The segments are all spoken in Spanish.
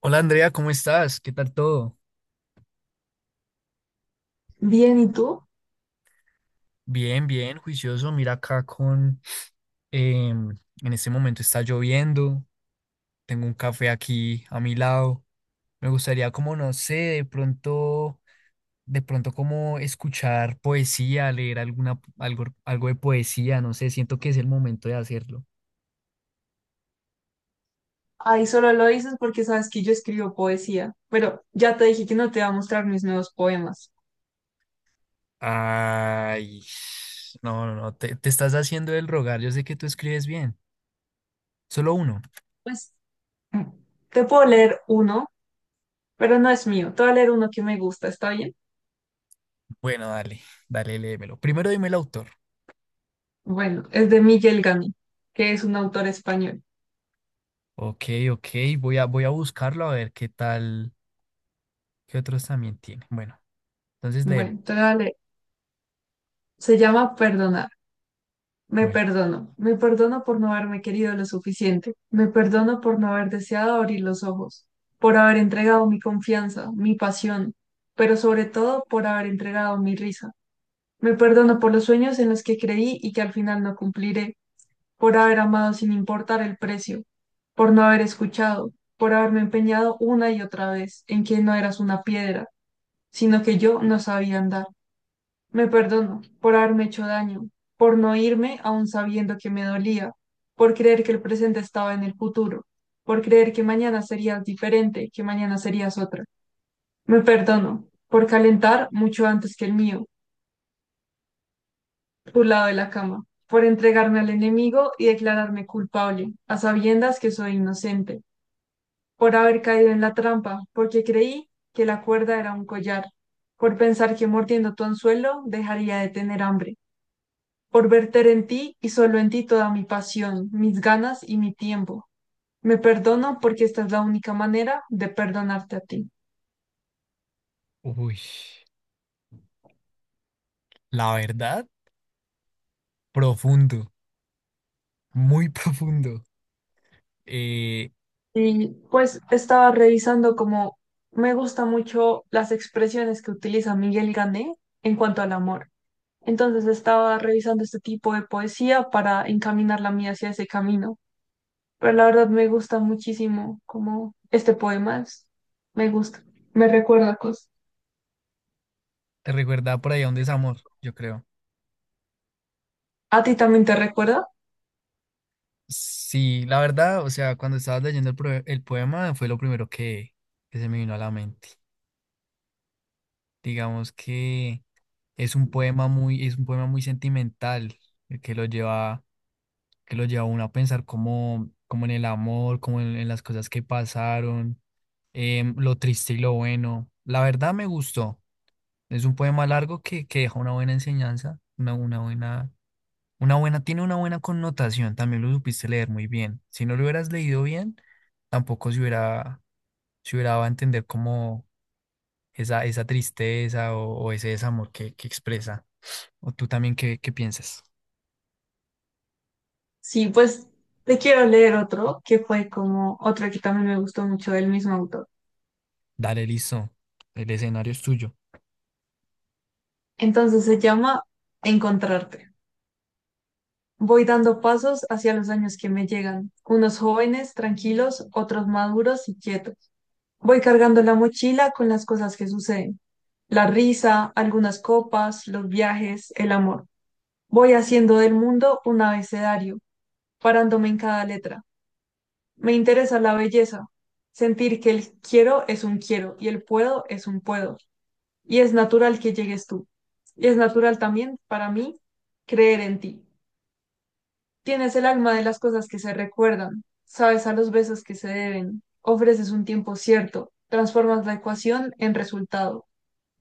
Hola Andrea, ¿cómo estás? ¿Qué tal todo? Bien, ¿y tú? Bien, bien, juicioso. Mira acá con... em, en este momento está lloviendo, tengo un café aquí a mi lado. Me gustaría como, no sé, de pronto como escuchar poesía, leer alguna, algo de poesía, no sé, siento que es el momento de hacerlo. Ahí solo lo dices porque sabes que yo escribo poesía, pero ya te dije que no te voy a mostrar mis nuevos poemas. Ay, no, no, no, te estás haciendo el rogar, yo sé que tú escribes bien. Solo uno. Pues mm, te puedo leer uno, pero no es mío. Te voy a leer uno que me gusta, ¿está bien? Bueno, dale, dale, léemelo. Primero dime el autor. Bueno, es de Miguel Gami, que es un autor español. Ok, ok, voy a buscarlo a ver qué tal, qué otros también tiene. Bueno, entonces léeme. Bueno, te voy a leer. Se llama Perdonar. Me Bueno, perdono. Me perdono por no haberme querido lo suficiente. Me perdono por no haber deseado abrir los ojos, por haber entregado mi confianza, mi pasión, pero sobre todo por haber entregado mi risa. Me perdono por los sueños en los que creí y que al final no cumpliré, por haber amado sin importar el precio, por no haber escuchado, por haberme empeñado una y otra vez en que no eras una piedra, sino que yo no sabía andar. Me perdono por haberme hecho daño, por no irme aún sabiendo que me dolía, por creer que el presente estaba en el futuro, por creer que mañana serías diferente, que mañana serías otra. Me perdono por calentar mucho antes que el mío por lado de la cama, por entregarme al enemigo y declararme culpable, a sabiendas que soy inocente, por haber caído en la trampa, porque creí que la cuerda era un collar, por pensar que mordiendo tu anzuelo dejaría de tener hambre, por verter en ti y solo en ti toda mi pasión, mis ganas y mi tiempo. Me perdono porque esta es la única manera de perdonarte a ti. uy, la verdad, profundo, muy profundo. Eh, Y pues estaba revisando como me gusta mucho las expresiones que utiliza Miguel Gané en cuanto al amor. Entonces estaba revisando este tipo de poesía para encaminar la mía hacia ese camino. Pero la verdad me gusta muchísimo como este poema es- me gusta, me recuerda cosas. te recuerda por ahí a un desamor, yo creo. ¿A ti también te recuerda? Sí, la verdad, o sea, cuando estabas leyendo el poema fue lo primero que se me vino a la mente. Digamos que es un poema muy sentimental, eh, que lo lleva que lo lleva a uno a pensar como, como en el amor, en las cosas que pasaron, lo triste y lo bueno. La verdad me gustó. Es un poema largo que deja una buena enseñanza, una buena, tiene una buena connotación. También lo supiste leer muy bien. Si no lo hubieras leído bien, tampoco se hubiera, se hubiera dado a entender como esa tristeza o ese desamor que expresa. O tú también, ¿ qué piensas? Sí, pues te quiero leer otro que fue como otro que también me gustó mucho del mismo autor. Dale, listo. El escenario es tuyo. Entonces se llama Encontrarte. Voy dando pasos hacia los años que me llegan, unos jóvenes, tranquilos, otros maduros y quietos. Voy cargando la mochila con las cosas que suceden. La risa, algunas copas, los viajes, el amor. Voy haciendo del mundo un abecedario, parándome en cada letra. Me interesa la belleza, sentir que el quiero es un quiero y el puedo es un puedo. Y es natural que llegues tú. Y es natural también para mí creer en ti. Tienes el alma de las cosas que se recuerdan, sabes a los besos que se deben, ofreces un tiempo cierto, transformas la ecuación en resultado.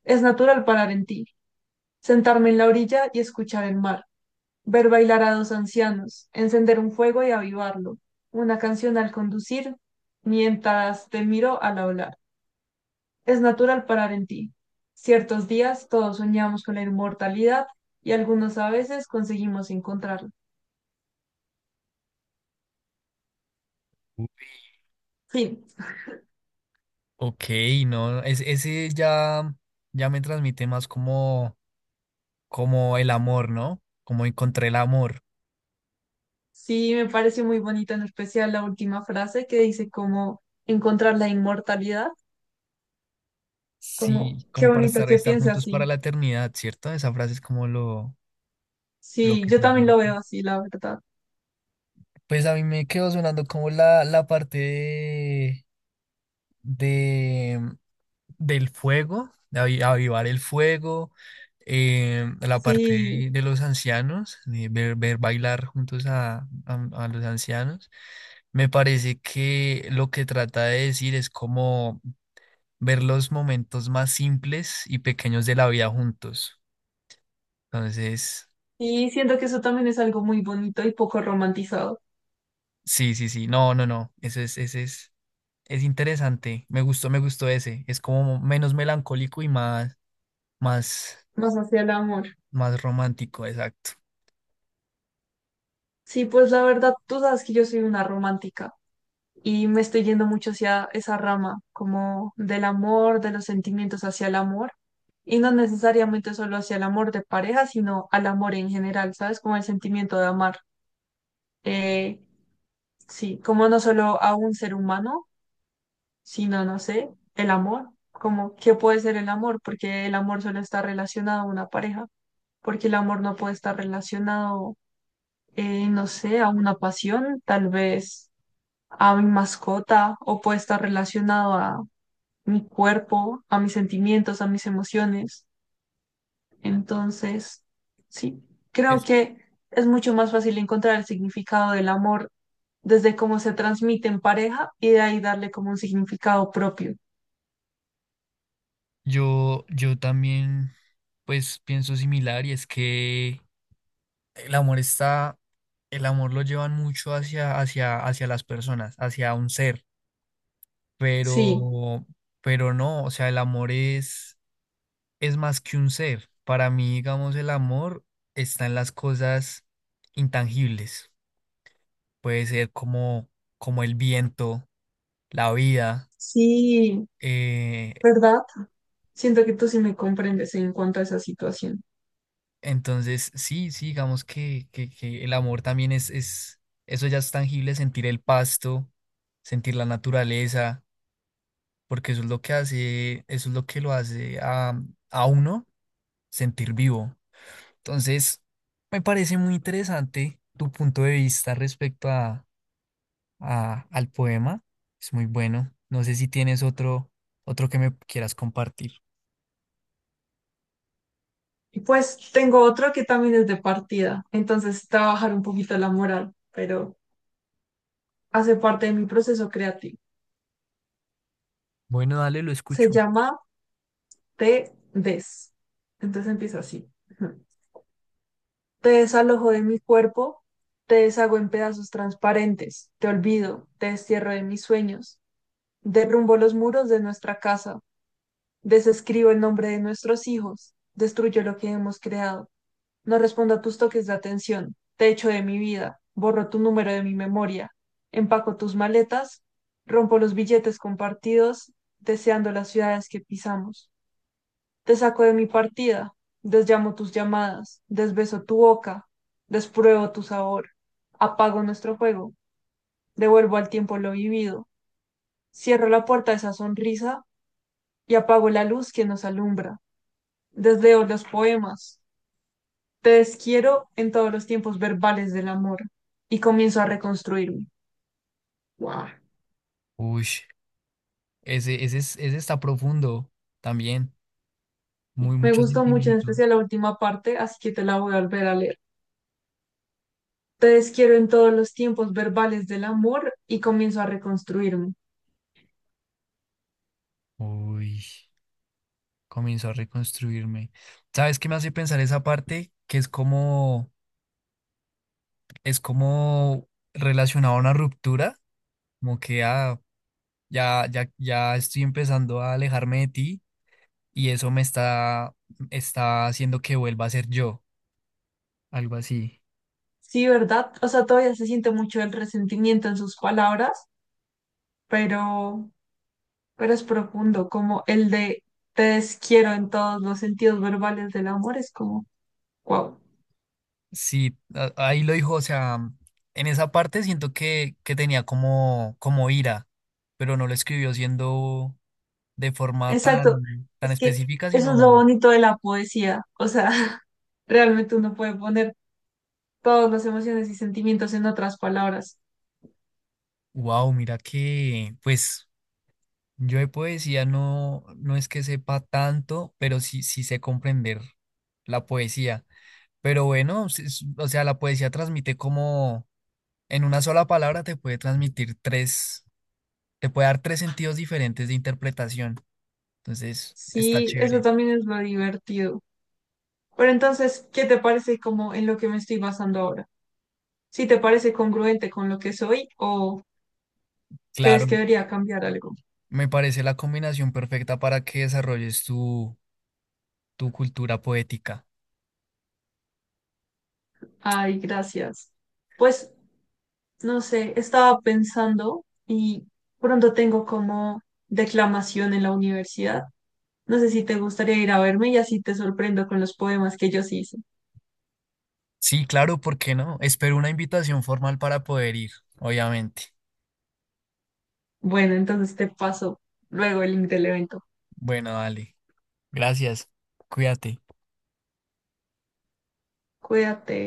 Es natural parar en ti, sentarme en la orilla y escuchar el mar, ver bailar a dos ancianos, encender un fuego y avivarlo, una canción al conducir, mientras te miro al hablar. Es natural parar en ti. Ciertos días todos soñamos con la inmortalidad y algunos a veces conseguimos encontrarla. Uy, Fin. ok, no, es- ese ya, ya me transmite más como, como el amor, ¿no? Como encontré el amor. Sí, me parece muy bonita en especial la última frase que dice como encontrar la inmortalidad. Como, Sí, qué como para bonito que estar piense juntos para así. la eternidad, ¿cierto? Esa frase es como lo Sí, que yo también lo transmite. veo así, la verdad. Pues a mí me quedó sonando como la parte de, del fuego, de avivar el fuego, la parte Sí, de los ancianos, de ver bailar juntos a los ancianos. Me parece que lo que trata de decir es como ver los momentos más simples y pequeños de la vida juntos. Entonces, y siento que eso también es algo muy bonito y poco romantizado, sí, sí, sí, no, no, no, ese es interesante. Me gustó ese. Es como menos melancólico y más, más, más hacia el amor. más romántico, exacto. Sí, pues la verdad, tú sabes que yo soy una romántica y me estoy yendo mucho hacia esa rama, como del amor, de los sentimientos hacia el amor, y no necesariamente solo hacia el amor de pareja, sino al amor en general, ¿sabes? Como el sentimiento de amar. Eh, sí, como no solo a un ser humano, sino, no sé, el amor, como qué puede ser el amor, porque el amor solo está relacionado a una pareja. Porque el amor no puede estar relacionado, no sé, a una pasión, tal vez a mi mascota, o puede estar relacionado a mi cuerpo, a mis sentimientos, a mis emociones. Entonces, sí, creo que es mucho más fácil encontrar el significado del amor desde cómo se transmite en pareja y de ahí darle como un significado propio. Yo también, pues pienso similar y es que el amor está, el amor lo llevan mucho hacia las personas, hacia un ser, Sí, pero, pero no, o sea, es más que un ser. Para mí, digamos, el amor está en las cosas intangibles. Puede ser como, como el viento, la vida, sí, eh, ¿verdad? Siento que tú sí me comprendes en cuanto a esa situación. entonces, sí, sí, digamos que el amor también es eso ya es tangible, sentir el pasto, sentir la naturaleza, porque eso es lo que lo hace a uno sentir vivo. Entonces, me parece muy interesante tu punto de vista respecto a, al poema. Es muy bueno. No sé si tienes otro, otro que me quieras compartir. Y pues tengo otro que también es de partida, entonces trabajar un poquito la moral, pero hace parte de mi proceso creativo. Bueno, dale, lo Se escucho. llama Te des. Entonces empieza así. Ujú. Te desalojo de mi cuerpo, te deshago en pedazos transparentes, te olvido, te destierro de mis sueños, derrumbo los muros de nuestra casa, desescribo el nombre de nuestros hijos, destruyo lo que hemos creado. No respondo a tus toques de atención. Te echo de mi vida. Borro tu número de mi memoria. Empaco tus maletas. Rompo los billetes compartidos, deseando las ciudades que pisamos. Te saco de mi partida. Desllamo tus llamadas. Desbeso tu boca. Despruebo tu sabor. Apago nuestro juego. Devuelvo al tiempo lo vivido. Cierro la puerta de esa sonrisa y apago la luz que nos alumbra. Desleo los poemas, te desquiero en todos los tiempos verbales del amor y comienzo a reconstruirme. Wow. Uy, ese está profundo también. Muy Me mucho gustó mucho, en sentimiento. especial la última parte, así que te la voy a volver a leer. Te desquiero en todos los tiempos verbales del amor y comienzo a reconstruirme. Uy, comenzó a reconstruirme. ¿Sabes qué me hace pensar esa parte? Que es como relacionado a una ruptura, como que ah, ya, ya, ya estoy empezando a alejarme de ti y eso me está haciendo que vuelva a ser yo, algo así. Sí, ¿verdad? O sea, todavía se siente mucho el resentimiento en sus palabras, pero, pero es profundo, como el de te desquiero en todos los sentidos verbales del amor, es como, wow. Sí, ahí lo dijo, o sea, en esa parte siento que tenía como, como ira, pero no lo escribió siendo de forma Exacto. tan, tan Es que específica, eso es lo sino, bonito de la poesía. O sea, realmente uno puede poner todas las emociones y sentimientos en otras palabras. wow, mira que, pues, yo de poesía no, no es que sepa tanto, pero sí, sí sé comprender la poesía. Pero bueno, o sea, la poesía transmite como, en una sola palabra te puede transmitir tres, te puede dar tres sentidos diferentes de interpretación. Entonces, está Sí, eso chévere. también es lo divertido. Pero entonces, ¿qué te parece como en lo que me estoy basando ahora? ¿Sí te parece congruente con lo que soy o crees Claro, que debería cambiar algo? me parece la combinación perfecta para que desarrolles tu, tu cultura poética. Ay, gracias. Pues, no sé, estaba pensando y pronto tengo como declamación en la universidad. No sé si te gustaría ir a verme y así te sorprendo con los poemas que yo sí hice. Sí, claro, ¿por qué no? Espero una invitación formal para poder ir, obviamente. Bueno, entonces te paso luego el link del evento. Bueno, dale. Gracias. Cuídate. Cuídate.